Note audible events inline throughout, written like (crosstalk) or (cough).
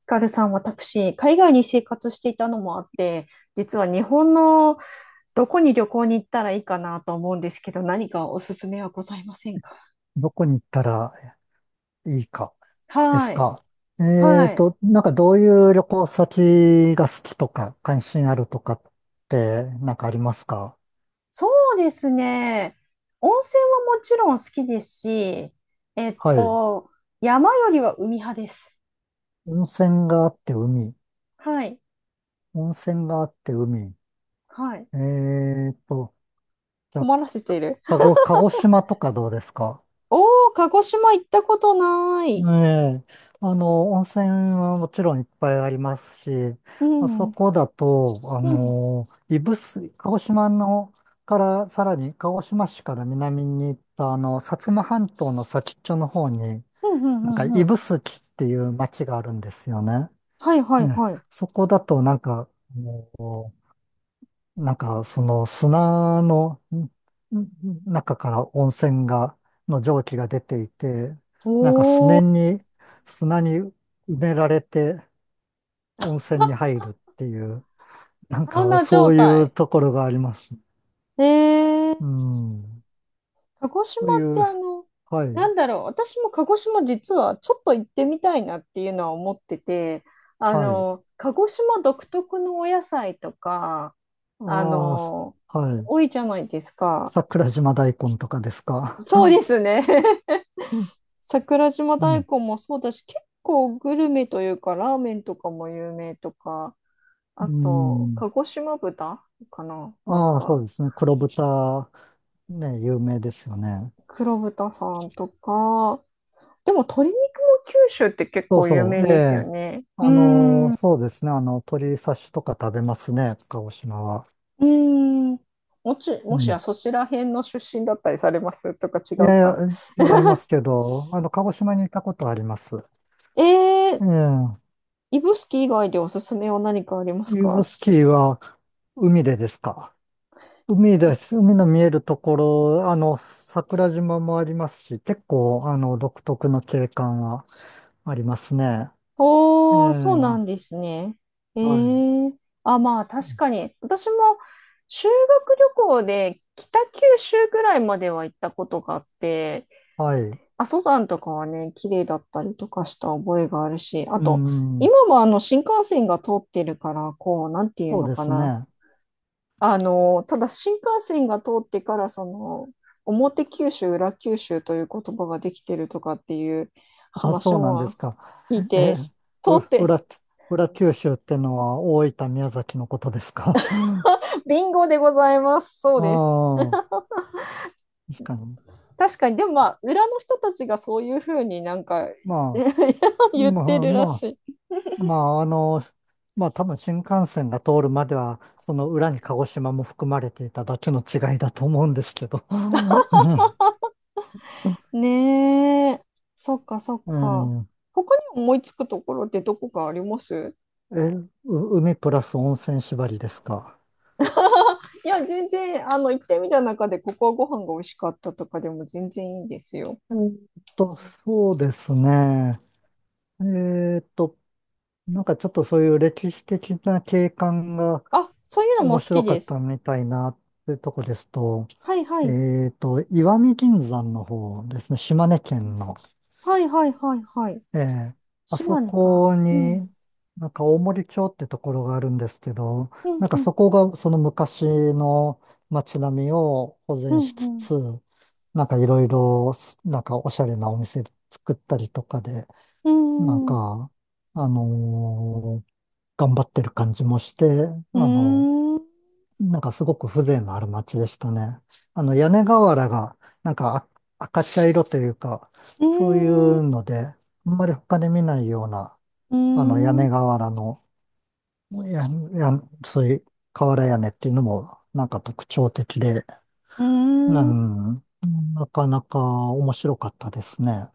ヒカルさん、私、海外に生活していたのもあって、実は日本のどこに旅行に行ったらいいかなと思うんですけど、何かおすすめはございませんか？どこに行ったらいいかではすい。か。はい。なんかどういう旅行先が好きとか関心あるとかってなんかありますか？そうですね。温泉はもちろん好きですし、えっはい。と、山よりは海派です。温泉があって海。はい。温泉があって海。はい。えーと、じゃあ、困らせている。鹿児島とかどうですか？おー、鹿児島行ったことなえい。え、温泉はもちろんいっぱいありますし、うまあん。うそん。こだと、うん、指宿、鹿児島のから、さらに鹿児島市から南に行った、薩摩半島の先っちょの方に、うん、うなんかん、うん。指宿っていう町があるんですよね。はい、はい、ね、はい。そこだとなんか、あのなんか、その砂の中から温泉が、の蒸気が出ていて、なんかすおねー、に、砂に埋められて温泉に入るっていう、なんサウかナ状そういう態。ところがあります。えー、うん。鹿児島そうっいてう、あの、はない、んだろう、私も鹿児島実はちょっと行ってみたいなっていうのは思ってて、はい。鹿児島独特のお野菜とか、あああ、すの、はい。多いじゃないですか。桜島大根とかですか。うそうですね。ん。(laughs) 桜島う大ん。根もそうだし、結構グルメというか、ラーメンとかも有名とか、あうと、ん。鹿児島豚かな、ああ、そうですね。黒豚、ね、有名ですよね。黒豚さんとか、でも鶏肉も九州って結そう構有そ名う。えですよえ、ね。うーん。うそうですね。鶏刺しとか食べますね、鹿児島は。ーん。うもしやん。そちら辺の出身だったりされますとか違いうやいか。や、違いますけど、鹿児島に行ったことあります。えー、ええ。指宿以外でおすすめは何かありますユーブか？スキーは海でですか。海です。海の見えるところ、桜島もありますし、結構、独特の景観はありますね。えおー、そうなえ。んですね。えはい。ー。あ、まあ確かに。私も修学旅行で北九州ぐらいまでは行ったことがあって、はい。阿蘇山とかはね、綺麗だったりとかした覚えがあるし、あうと、ん。今はあの新幹線が通ってるから、こう、なんていうそうのでかすな。ね。ただ新幹線が通ってから、表九州、裏九州という言葉ができてるとかっていうあ、話そうなんですもか。聞いえ、て、通う、って、裏、裏九州ってのは大分、宮崎のことですか？ (laughs) あ (laughs) ビンゴでございます。そうです。あ、確かに。確かに、でもまあ、裏の人たちがそういうふうになんか ま (laughs) あ、言っまてあ、るらましい。まあ、まあ多分新幹線が通るまでは、その裏に鹿児島も含まれていただけの違いだと思うんですけど。(laughs) ね。ねえ。そっかそっうか。ん。他に思いつくところってどこかあります？え、海プラス温泉縛りですか？いや、全然、行ってみた中で、ここはご飯が美味しかったとかでも全然いいですよ。えーっと、そうですね。えーっと、なんかちょっとそういう歴史的な景観が、あ、そういうのも面好き白かでったす。のみたいなってとこですと、はいはい。石見銀山の方ですね、島根県の。はいはいはいはい。ええ。あそ島根か。こうに、ん。なんか大森町ってところがあるんですけど、うなんんかうん。そこがその昔の街並みを保う全しんうつん。つ、なんかいろいろ、なんかおしゃれなお店作ったりとかで、うーなんん。うか、あのー頑張ってる感じもして、ーあのん。うなんかすごく風情のある街でしたね。あの屋根瓦がなんか赤茶色というか、ーそういん。ううので、あんまり他で見ないような、ーあの屋ん。う根瓦の、や、そういう瓦屋根っていうのもなんか特徴的で、ーうん。ん、なかなか面白かったですね。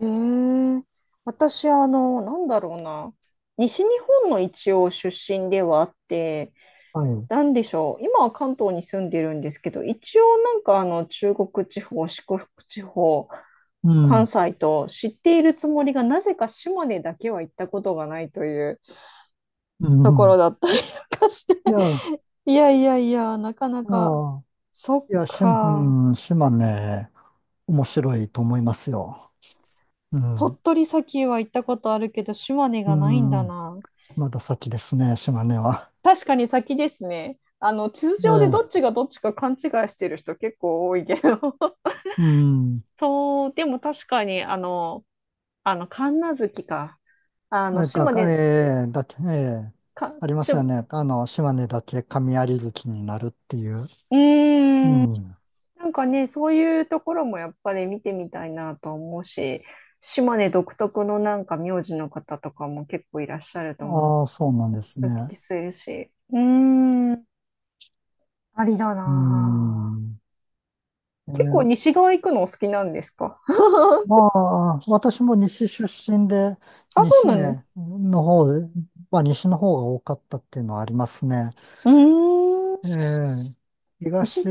へえ、私、あの、なんだろうな。西日本の一応出身ではあって、はい。なんでしょう。今は関東に住んでるんですけど、一応なんかあの中国地方、四国地方、う関ん、西と知っているつもりが、なぜか島根だけは行ったことがないといううところん。だったりとかして。いや、(laughs) いやいやいや、なかないや、か。そっいや、か。うん、島ね面白いと思いますよ。う鳥ん、取砂丘は行ったことあるけど、島根うがないんだん。な。まだ先ですね、島根は。確かに先ですね。あの、地図え上でどっえ、ちがどっちか勘違いしてる人結構多いけど。(laughs) うん。そう、でも確かに、神無月か。え、島が、根、ええ、だけ、ええ、ありますようね。島根だけ神有月になるっていう。ーん、うん。なんかね、そういうところもやっぱり見てみたいなと思うし、島根独特のなんか名字の方とかも結構いらっしゃると思ああ、そうなんですう。おね。聞きするし。うーん、ありだうなあ。ん。え結構え、西側行くのお好きなんですか？まあ、私も西出身で、あ、そう西なんね。の方、まあ、西の方が多かったっていうのはありますね。うーええ、ん。し、東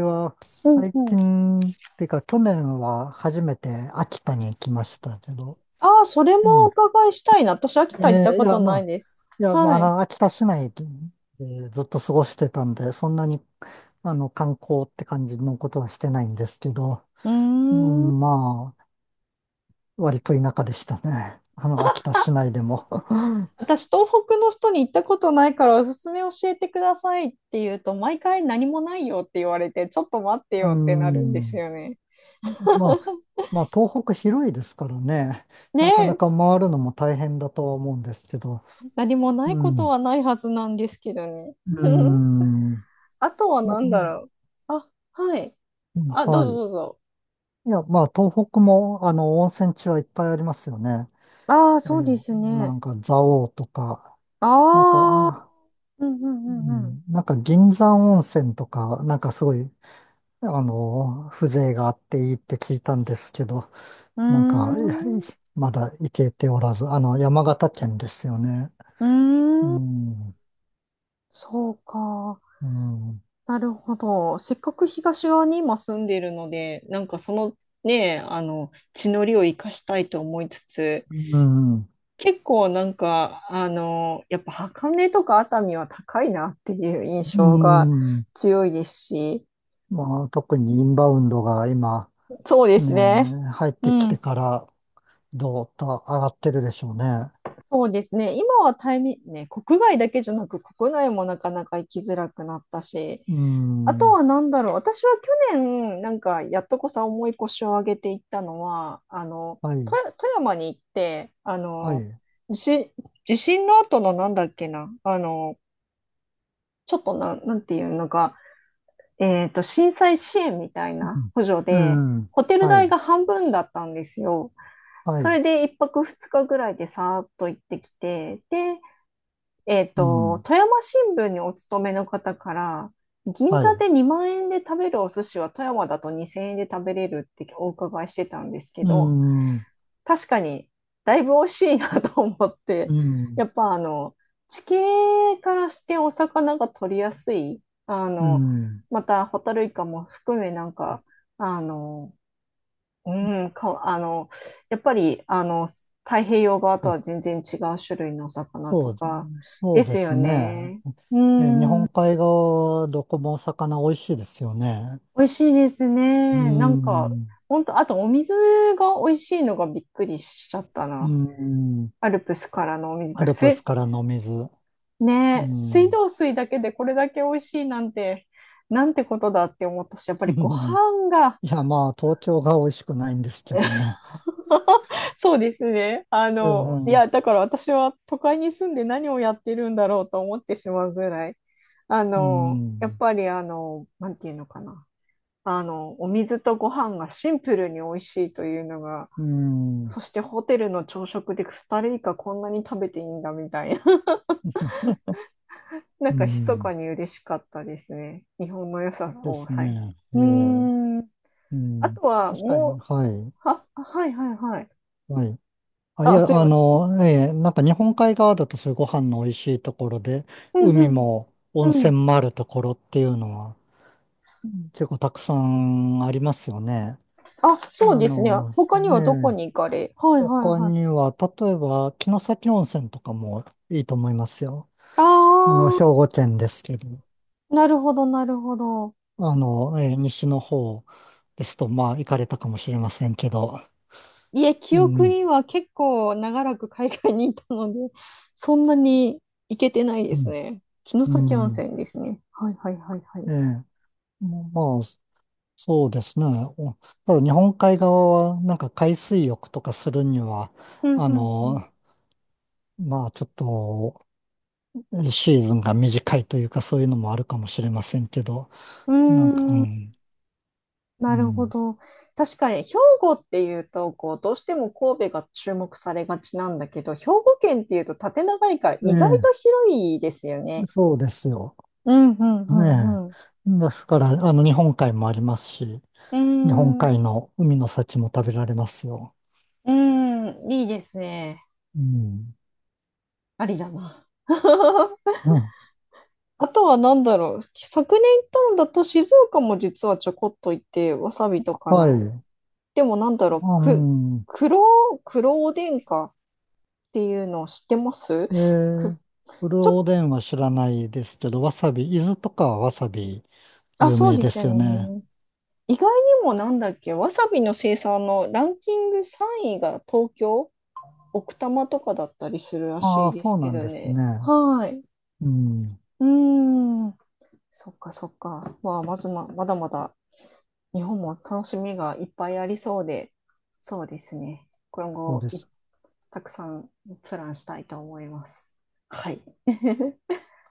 はうん最うん。近、っていうか去年は初めて秋田に行きましたけど、ああ、それうもおん。伺いしたいな。私、秋え田行ったえ、いことや、まないあ、です。はい。秋田市内でずっと過ごしてたんで、そんなに、観光って感じのことはしてないんですけど、ううーん。ん、まあ、割と田舎でしたね。秋田市内でも。(laughs) 私、東北の人に行ったことないから、おすすめ教えてくださいって言うと、毎回何もないよって言われて、ちょっと待ってうよってなるんですん。よね。まあ、まあ、東北広いですからね、ねなかなえ、か回るのも大変だとは思うんですけど、何もないうことん、はないはずなんですけどね。う (laughs) ん、あとは何だろもう。あ、はい。うんあ、どうぞはどうぞ。い。いや、まあ、東北も、温泉地はいっぱいありますよね。ああ、ええ、そうですなね。んか、蔵王とか、なんか、ああ、うんううんうんん、なんか、銀山温泉とか、なんかすごい、風情があっていいって聞いたんですけど、うなんか、いやいん。うーん。まだ行けておらず、山形県ですよね。うーうん、ん、そうか。うん、なるほど。せっかく東側に今住んでいるので、なんかそのね、地の利を生かしたいと思いつつ、うん、結構なんか、あの、やっぱ箱根とか熱海は高いなっていう印う象がん。強いですし、まあ、特にインバウンドが今、そうですね、ね。入っうてきてん、から、どうと上がってるでしょうね。そうですね。今はタイミ、ね、国外だけじゃなく、国内もなかなか行きづらくなったし、うあとん、は何だろう。私は去年、なんか、やっとこさ重い腰を上げていったのは、はい、富富山に行って、はい、地震、地震の後のなんだっけな、あの、ちょっとな、なんていうのか、えっと、震災支援みたいな補助うで、ん、うん、ホテルは代い、が半分だったんですよ。はそい、れで1泊2日ぐらいでさーっと行ってきて、で、うん、富山新聞にお勤めの方から、銀は座い、で2万円で食べるお寿司は富山だと2000円で食べれるってお伺いしてたんですけうど、ん、う確かにだいぶ美味しいなと思って、ん、やっぱあの、地形からしてお魚が取りやすい、あうの、ん、またホタルイカも含めなんか、あの、うん、か、あの、やっぱり、あの、太平洋側とそは全然違う種類のお魚とそう、かそでうですよすね。ね。う日ん、本美海側はどこもお魚美味しいですよね。味しいですうね。なんか、ん、本当あとお水が美味しいのがびっくりしちゃったうな。ん、アルプスからのお水アとか、ルプスす、からの水。うね、水ん。道水だけでこれだけ美味しいなんて、なんてことだって思ったし、やっぱりご (laughs) 飯が いや、まあ、東京が美味しくないんですけどね。(laughs) そうですね。うん。だから私は都会に住んで何をやってるんだろうと思ってしまうぐらい、あうの、やっん。ぱりあの、なんていうのかな。あの、お水とご飯がシンプルに美味しいというのが、うん。そしてホテルの朝食で2人以下こんなに食べていいんだみたいな。(laughs) なんうか密かんに嬉しかったですね。日本の良さでをすさえ。ね。うえーえ。ん。うあん。とは確かに、もう、はい。は、はいはいはい。はい。あ、いあ、や、すいまええ、なんか日本海側だとそういうご飯の美味しいところで、せん。うん海うん。も温うん、泉もあるところっていうのは結構たくさんありますよね。あ、あそうですね。の、他にはどこええ。に行かれはいはい他はにい。は、例えば、城崎温泉とかもいいと思いますよ。あ兵庫県ですけど、あ、なるほどなるほど。西の方ですと、まあ、行かれたかもしれませんけど、いえ、記う憶ん、には結構長らく海外にいたので、(laughs) そんなに行けてないでうすん、ね。城う崎温ん、泉ですね。はいはいはいはい。ええ。まあ、そうですね。おただ、日本海側は、なんか海水浴とかするには、うんあうんの、まあ、ちょっと、シーズンが短いというか、そういうのもあるかもしれませんけど、うなんか、うん。うーん、ん、なうるほん。ど。確かに兵庫っていうとこうどうしても神戸が注目されがちなんだけど、兵庫県っていうと縦長いから意外ええ、と広いですよね。そうですよ。うんうんねうん、え。ですから、日本海もありますし、うー日本ん、う海の海の幸も食べられますよ。ーん、いいですね。うん。ありだな。(laughs) うん、あとは何だろう。昨年行ったんだと静岡も実はちょこっと行って、わさびとかはな。い。でも何だろう。うく、ん。黒、黒おでんかっていうのを知ってます？えく、ー、ブルーちょっと、おでんは知らないですけど、わさび、伊豆とかはわさびあ、有そう名でですよすよね。ね。意外にもなんだっけ、わさびの生産のランキング3位が東京、奥多摩とかだったりするらあしあ、いでそすうけなんどですね。ね。はい。うん。うーん。そっかそっか。まあ、まずま、まだまだ日本も楽しみがいっぱいありそうで、そうですね。今そう後でい、す。たくさんプランしたいと思います。はい。(laughs)